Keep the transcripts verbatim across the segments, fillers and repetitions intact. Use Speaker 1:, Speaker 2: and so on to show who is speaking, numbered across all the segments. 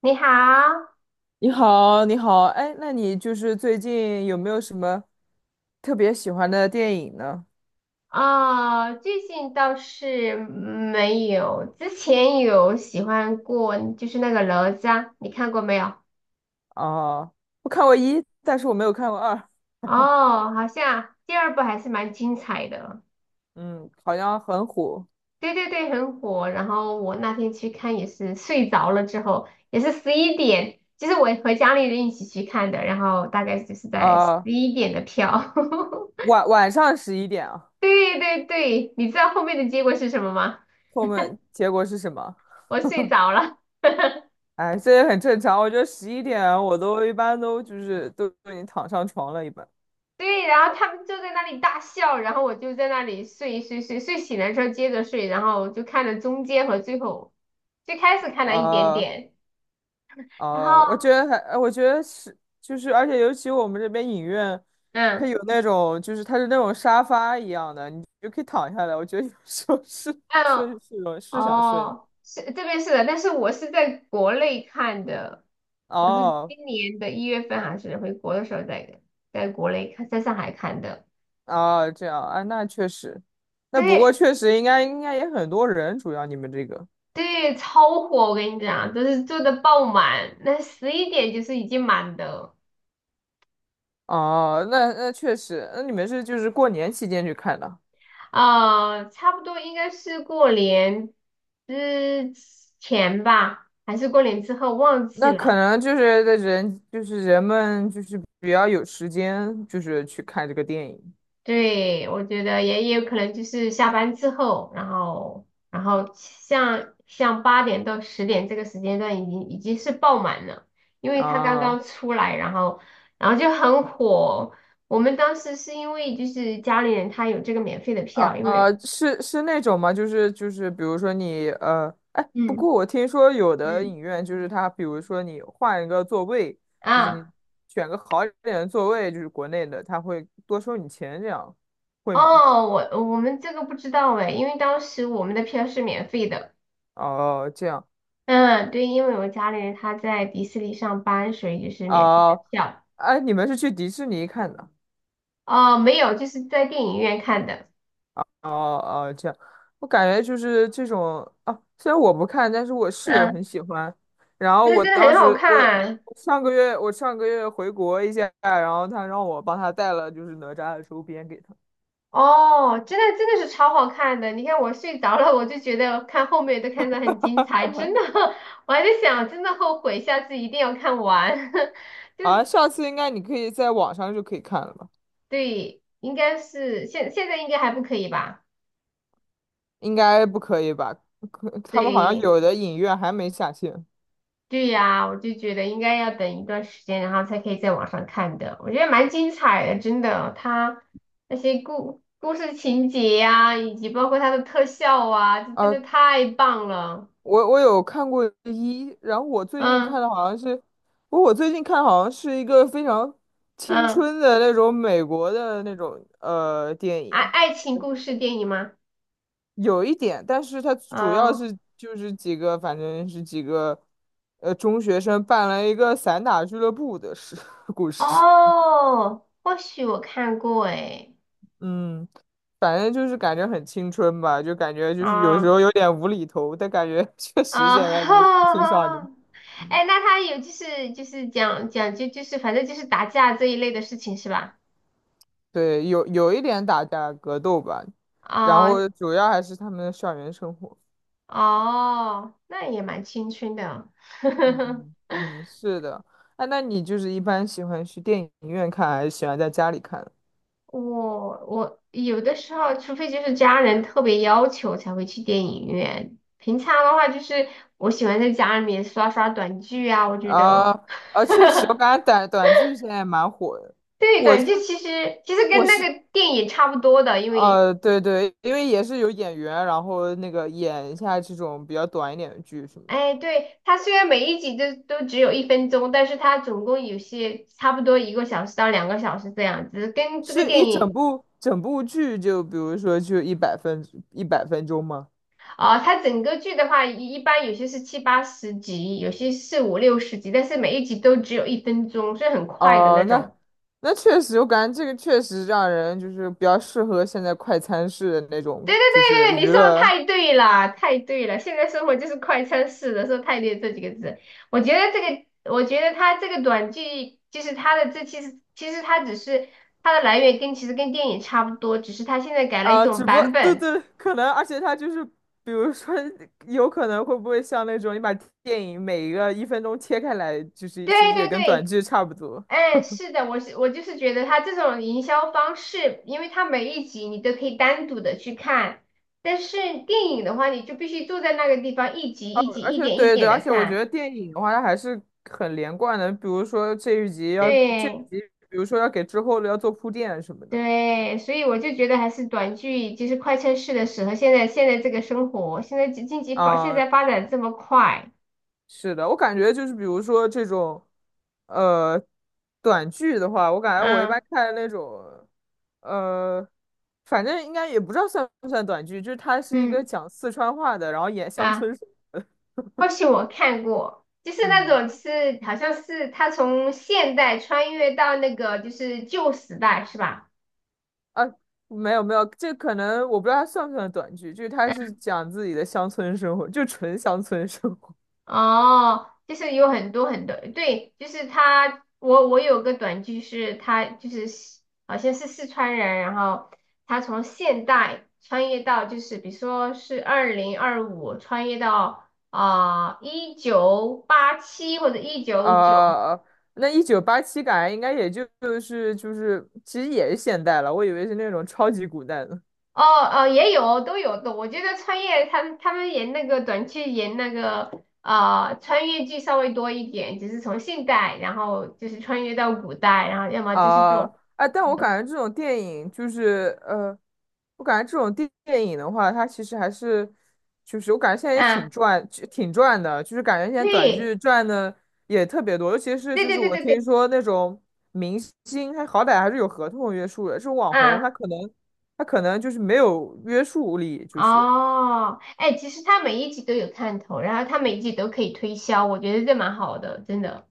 Speaker 1: 你好。
Speaker 2: 你好，你好，哎，那你就是最近有没有什么特别喜欢的电影呢？
Speaker 1: 哦，最近倒是没有，之前有喜欢过，就是那个哪吒，你看过没有？
Speaker 2: 啊，我看过一，但是我没有看过二。
Speaker 1: 哦，好像第二部还是蛮精彩的。
Speaker 2: 嗯，好像很火。
Speaker 1: 对对对，很火。然后我那天去看也是睡着了之后，也是十一点，就是我和家里人一起去看的，然后大概就是在十
Speaker 2: 呃，
Speaker 1: 一点的票。
Speaker 2: 晚晚上十一点啊。
Speaker 1: 对对对，你知道后面的结果是什么吗？
Speaker 2: 后面结果是什么？
Speaker 1: 我睡着了。
Speaker 2: 哎，这也很正常。我觉得十一点我都一般都就是都已经躺上床了，一般。
Speaker 1: 对，然后他们就在那里大笑，然后我就在那里睡睡睡睡醒了之后接着睡，然后就看了中间和最后，最开始看了一点
Speaker 2: 啊。
Speaker 1: 点，然
Speaker 2: 哦，我
Speaker 1: 后
Speaker 2: 觉得还，呃我觉得是，就是，而且尤其我们这边影院，它
Speaker 1: 嗯
Speaker 2: 有那种，就是它是那种沙发一样的，你就可以躺下来。我觉得有 时候是
Speaker 1: 嗯。
Speaker 2: 是是有是想睡的。
Speaker 1: 哦，是这边是的，但是我是在国内看的，我是
Speaker 2: 哦
Speaker 1: 今年的一月份还是回国的时候在在国内看，在上海看的。
Speaker 2: 哦，这样啊，那确实，那不过
Speaker 1: 对
Speaker 2: 确实应该应该也很多人，主要你们这个。
Speaker 1: 对，超火，我跟你讲，都是坐的爆满，那十一点就是已经满的。
Speaker 2: 哦，那那确实，那你们是就是过年期间去看的。
Speaker 1: 啊，差不多应该是过年之前吧，还是过年之后忘记
Speaker 2: 那可
Speaker 1: 了。
Speaker 2: 能就是的人就是人们就是比较有时间，就是去看这个电影
Speaker 1: 对，我觉得也也有可能就是下班之后，然后然后像像八点到十点这个时间段已经已经是爆满了，因为它刚刚
Speaker 2: 啊。
Speaker 1: 出来，然后然后就很火。我们当时是因为就是家里人他有这个免费的
Speaker 2: 啊、
Speaker 1: 票，因为
Speaker 2: 呃，是是那种吗？就是就是，比如说你呃，哎，不
Speaker 1: 嗯
Speaker 2: 过我听说有的
Speaker 1: 嗯
Speaker 2: 影院就是它，比如说你换一个座位，就是
Speaker 1: 啊。
Speaker 2: 你选个好一点的座位，就是国内的，他会多收你钱，这样会吗？
Speaker 1: 哦，我我们这个不知道哎，因为当时我们的票是免费的。
Speaker 2: 哦，这样。
Speaker 1: 嗯，对，因为我家里人他在迪士尼上班，所以就是免费的
Speaker 2: 哦，
Speaker 1: 票。
Speaker 2: 哎，你们是去迪士尼看的？
Speaker 1: 哦，没有，就是在电影院看的。
Speaker 2: 哦哦，这样，我感觉就是这种啊，虽然我不看，但是我室友很
Speaker 1: 嗯，
Speaker 2: 喜欢。然后
Speaker 1: 但是
Speaker 2: 我
Speaker 1: 真的
Speaker 2: 当
Speaker 1: 很好
Speaker 2: 时我
Speaker 1: 看。
Speaker 2: 我上个月我上个月回国一下，然后他让我帮他带了就是哪吒的周边给他。
Speaker 1: 哦，真的真的是超好看的。你看我睡着了，我就觉得看后面都看得很精彩，真的。我还在想，真的后悔，下次一定要看完。就
Speaker 2: 啊，
Speaker 1: 是
Speaker 2: 下次应该你可以在网上就可以看了吧？
Speaker 1: 对，应该是现现在应该还不可以吧？
Speaker 2: 应该不可以吧？可他们好像
Speaker 1: 对。
Speaker 2: 有的影院还没下线。
Speaker 1: 对呀，我就觉得应该要等一段时间，然后才可以在网上看的。我觉得蛮精彩的，真的。它那些故故事情节呀、以及包括它的特效啊，这真的
Speaker 2: 啊。
Speaker 1: 太棒了。
Speaker 2: 我我有看过一，然后我最近看
Speaker 1: 嗯
Speaker 2: 的好像是，我我最近看好像是一个非常青
Speaker 1: 嗯，
Speaker 2: 春的那种美国的那种呃电
Speaker 1: 爱
Speaker 2: 影。
Speaker 1: 爱情故事电影吗？
Speaker 2: 有一点，但是它主要
Speaker 1: 啊，
Speaker 2: 是就是几个，反正是几个呃中学生办了一个散打俱乐部的事 故事。
Speaker 1: 哦，或许我看过诶。
Speaker 2: 嗯，反正就是感觉很青春吧，就感觉就是有时
Speaker 1: 啊，
Speaker 2: 候有点无厘头，但感觉 确实
Speaker 1: 啊，
Speaker 2: 现在的青少年。
Speaker 1: 哎，那它有就是就是讲讲就就是反正就是打架这一类的事情是吧？
Speaker 2: 对，有有一点打架格斗吧，然
Speaker 1: 啊、
Speaker 2: 后主要还是他们的校园生活。
Speaker 1: 哦，那也蛮青春的啊。
Speaker 2: 嗯 嗯嗯，是的。哎，那你就是一般喜欢去电影院看，还是喜欢在家里看？
Speaker 1: 我我有的时候，除非就是家人特别要求才会去电影院。平常的话，就是我喜欢在家里面刷刷短剧啊。我觉
Speaker 2: 啊
Speaker 1: 得，
Speaker 2: 啊，确实，我感觉短短剧现在蛮火的。
Speaker 1: 对，
Speaker 2: 我
Speaker 1: 短
Speaker 2: 是
Speaker 1: 剧其实其实
Speaker 2: 我
Speaker 1: 跟那
Speaker 2: 是
Speaker 1: 个电影差不多的，因为，
Speaker 2: 呃，对对，因为也是有演员，然后那个演一下这种比较短一点的剧什么的，
Speaker 1: 哎，对，它虽然每一集都都只有一分钟，但是它总共有些差不多一个小时到两个小时这样子，跟这个
Speaker 2: 是一
Speaker 1: 电
Speaker 2: 整
Speaker 1: 影。
Speaker 2: 部整部剧就比如说就一百分一百分钟吗？
Speaker 1: 啊，它整个剧的话，一一般有些是七八十集，有些是五六十集，但是每一集都只有一分钟，所以很快的那
Speaker 2: 哦，那
Speaker 1: 种。
Speaker 2: 那确实，我感觉这个确实让人就是比较适合现在快餐式的那
Speaker 1: 对
Speaker 2: 种，
Speaker 1: 对
Speaker 2: 就是
Speaker 1: 对对，
Speaker 2: 娱
Speaker 1: 你说的
Speaker 2: 乐
Speaker 1: 太对了，太对了。现在生活就是快餐式的，说太对这几个字。我觉得这个，我觉得它这个短剧，就是它的这其实其实它只是它的来源跟其实跟电影差不多，只是它现在改了一
Speaker 2: 啊。
Speaker 1: 种
Speaker 2: 只不过
Speaker 1: 版
Speaker 2: 对
Speaker 1: 本。
Speaker 2: 对，可能，而且它就是，比如说，有可能会不会像那种你把电影每一个一分钟切开来，就是
Speaker 1: 对
Speaker 2: 其实也
Speaker 1: 对
Speaker 2: 跟短
Speaker 1: 对。
Speaker 2: 剧差不多。
Speaker 1: 哎，是的，我是我就是觉得他这种营销方式，因为他每一集你都可以单独的去看，但是电影的话，你就必须坐在那个地方一集
Speaker 2: 啊，
Speaker 1: 一集
Speaker 2: 而
Speaker 1: 一
Speaker 2: 且
Speaker 1: 点一
Speaker 2: 对对，
Speaker 1: 点
Speaker 2: 而
Speaker 1: 的
Speaker 2: 且我觉
Speaker 1: 看。
Speaker 2: 得电影的话，它还是很连贯的，比如说这一集要这一
Speaker 1: 对
Speaker 2: 集，比如说要给之后的要做铺垫什么的。
Speaker 1: 对，所以我就觉得还是短剧就是快餐式的适合现在现在这个生活，现在经济发现
Speaker 2: 啊。
Speaker 1: 在发展这么快，
Speaker 2: 是的，我感觉就是比如说这种，呃，短剧的话，我感觉我一般
Speaker 1: 嗯
Speaker 2: 看那种，呃，反正应该也不知道算不算短剧，就是它是一个
Speaker 1: 嗯。
Speaker 2: 讲四川话的，然后演乡
Speaker 1: 啊，
Speaker 2: 村。
Speaker 1: 或许我看过。就是那
Speaker 2: 嗯，
Speaker 1: 种是，好像是他从现代穿越到那个就是旧时代，是吧？
Speaker 2: 啊，没有没有，这可能我不知道它算不算短剧，就是它是讲自己的乡村生活，就纯乡村生活。
Speaker 1: 哦，就是有很多很多，对，就是他，我我有个短剧是他就是西好像是四川人，然后他从现代穿越到就是比如说是二零二五穿越到啊一九八七或者一 九九，
Speaker 2: 啊，那一九八七感觉应该也就就是就是，其实也是现代了，我以为是那种超级古代的。
Speaker 1: 哦，哦也有都有的，我觉得穿越他们他们演那个短剧演那个。呃，穿越剧稍微多一点，就是从现代，然后就是穿越到古代，然后要么就是这
Speaker 2: 啊，
Speaker 1: 种。
Speaker 2: 哎，但我感觉这种电影就是呃，我感觉这种电电影的话，它其实还是，就是我感觉现在也
Speaker 1: 啊，
Speaker 2: 挺赚，就挺赚的，就是感觉现在短
Speaker 1: 对，
Speaker 2: 剧赚的也特别多，尤其是
Speaker 1: 对
Speaker 2: 就是
Speaker 1: 对对
Speaker 2: 我
Speaker 1: 对
Speaker 2: 听
Speaker 1: 对，
Speaker 2: 说那种明星，他好歹还是有合同约束的，这种网红
Speaker 1: 啊，
Speaker 2: 他可能他可能就是没有约束力，就是
Speaker 1: 哦，哎，其实它每一集都有看头，然后它每一集都可以推销，我觉得这蛮好的，真的。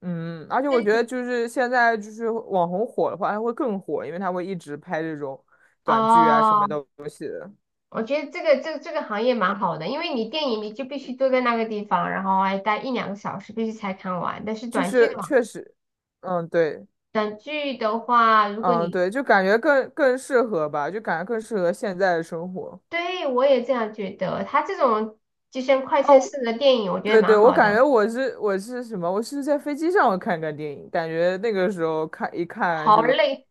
Speaker 2: 嗯，而且我觉
Speaker 1: 这
Speaker 2: 得就是现在就是网红火的话，他会更火，因为他会一直拍这种短剧啊什
Speaker 1: 哦，
Speaker 2: 么东西的。
Speaker 1: 我觉得这个这个这个行业蛮好的，因为你电影你就必须坐在那个地方，然后还待一两个小时，必须才看完。但是
Speaker 2: 就
Speaker 1: 短剧的
Speaker 2: 是
Speaker 1: 话，
Speaker 2: 确实，嗯，对，
Speaker 1: 短剧的话，如果
Speaker 2: 嗯，
Speaker 1: 你
Speaker 2: 对，就感觉更更适合吧，就感觉更适合现在的生活。
Speaker 1: 对我也这样觉得，它这种就像快
Speaker 2: 哦，
Speaker 1: 餐式的电影，我觉得
Speaker 2: 对对，
Speaker 1: 蛮
Speaker 2: 我
Speaker 1: 好
Speaker 2: 感觉
Speaker 1: 的，
Speaker 2: 我是我是什么？我是在飞机上看看电影，感觉那个时候看一看
Speaker 1: 好
Speaker 2: 就
Speaker 1: 累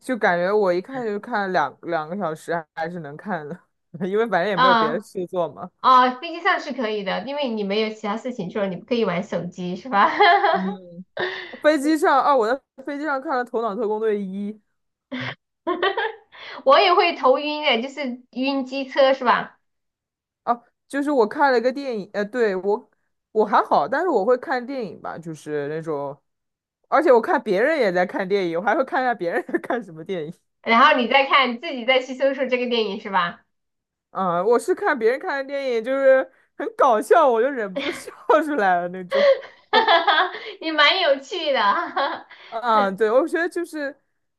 Speaker 2: 就感觉我一看就看两两个小时还还是能看的。因为反正也没有别的
Speaker 1: 啊。
Speaker 2: 事做嘛。
Speaker 1: 哦，飞机上是可以的，因为你没有其他事情做，你不可以玩手机是吧？
Speaker 2: 嗯，飞机上啊，我在飞机上看了《头脑特工队一》。
Speaker 1: 我也会头晕的，就是晕机车是吧？
Speaker 2: 哦，就是我看了个电影，呃，对，我我还好，但是我会看电影吧，就是那种，而且我看别人也在看电影，我还会看一下别人在看什么电影。
Speaker 1: 然后你再看自己再去搜索这个电影是吧？
Speaker 2: 啊、我是看别人看的电影，就是很搞笑，我就忍不住笑 出来了那种。
Speaker 1: 也蛮有趣的。
Speaker 2: 啊，对，我觉得就是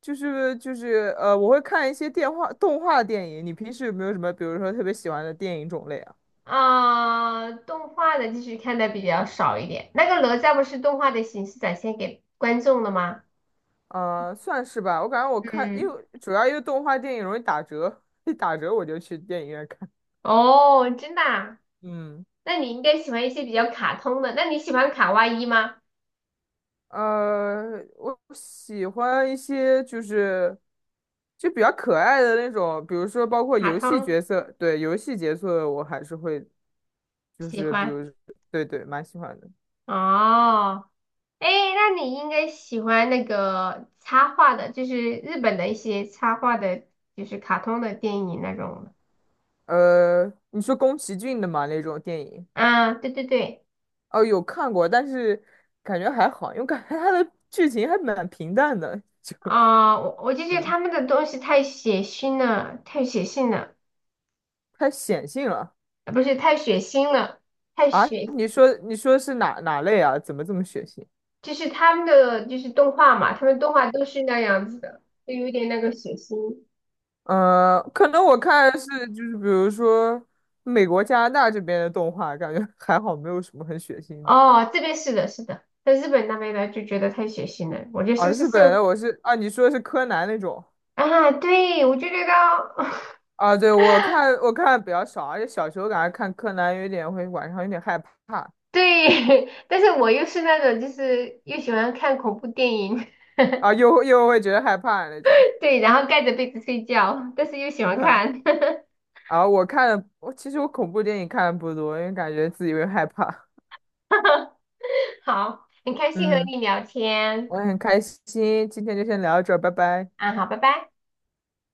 Speaker 2: 就是就是呃，我会看一些电话动画电影。你平时有没有什么，比如说特别喜欢的电影种类啊？
Speaker 1: 啊，动画的继续看的比较少一点。那个哪吒不是动画的形式展现给观众的吗？
Speaker 2: 呃，算是吧。我感觉我看，因
Speaker 1: 嗯，
Speaker 2: 为主要因为动画电影容易打折，一打折我就去电影院看。
Speaker 1: 哦，真的啊？
Speaker 2: 嗯，
Speaker 1: 那你应该喜欢一些比较卡通的。那你喜欢卡哇伊吗？
Speaker 2: 呃，我喜欢一些就是就比较可爱的那种，比如说包括
Speaker 1: 卡
Speaker 2: 游戏
Speaker 1: 通
Speaker 2: 角色，对，游戏角色我还是会，就
Speaker 1: 喜
Speaker 2: 是比
Speaker 1: 欢。
Speaker 2: 如，对对，蛮喜欢的。
Speaker 1: 哦，哎，那你应该喜欢那个插画的，就是日本的一些插画的，就是卡通的电影那种的。
Speaker 2: 呃，你说宫崎骏的嘛那种电影，
Speaker 1: 啊，嗯对对对，
Speaker 2: 哦，有看过，但是感觉还好，因为感觉他的剧情还蛮平淡的，就
Speaker 1: 啊、我我就 觉得
Speaker 2: 嗯。
Speaker 1: 他们的东西太血腥了，太血腥了。
Speaker 2: 太显性了
Speaker 1: 啊，不是太血腥了，太
Speaker 2: 啊！
Speaker 1: 血，
Speaker 2: 你说你说是哪哪类啊？怎么这么血腥？
Speaker 1: 就是他们的就是动画嘛，他们动画都是那样子的，就有点那个血腥。
Speaker 2: 嗯呃，可能我看的是就是比如说美国、加拿大这边的动画，感觉 还好，没有什么很血腥的。
Speaker 1: 哦，这边是的，是的，在日本那边呢就觉得太血腥了，我觉得是
Speaker 2: 啊，
Speaker 1: 不是
Speaker 2: 日本
Speaker 1: 受？
Speaker 2: 的我是啊，你说的是柯南那种
Speaker 1: 啊，对，我就觉得，
Speaker 2: 啊？对，我看我看的比较少，而且小时候感觉看柯南有点会晚上有点害怕。
Speaker 1: 对，但是我又是那种就是又喜欢看恐怖电影。
Speaker 2: 啊，又又会觉得害怕那种。
Speaker 1: 对，然后盖着被子睡觉，但是又喜欢看。
Speaker 2: 啊。我看的，我其实我恐怖电影看的不多，因为感觉自己会害怕。
Speaker 1: 好，很开心和
Speaker 2: 嗯。
Speaker 1: 你聊天。
Speaker 2: 我也很开心，今天就先聊到这儿，拜拜。
Speaker 1: 啊，好，拜拜。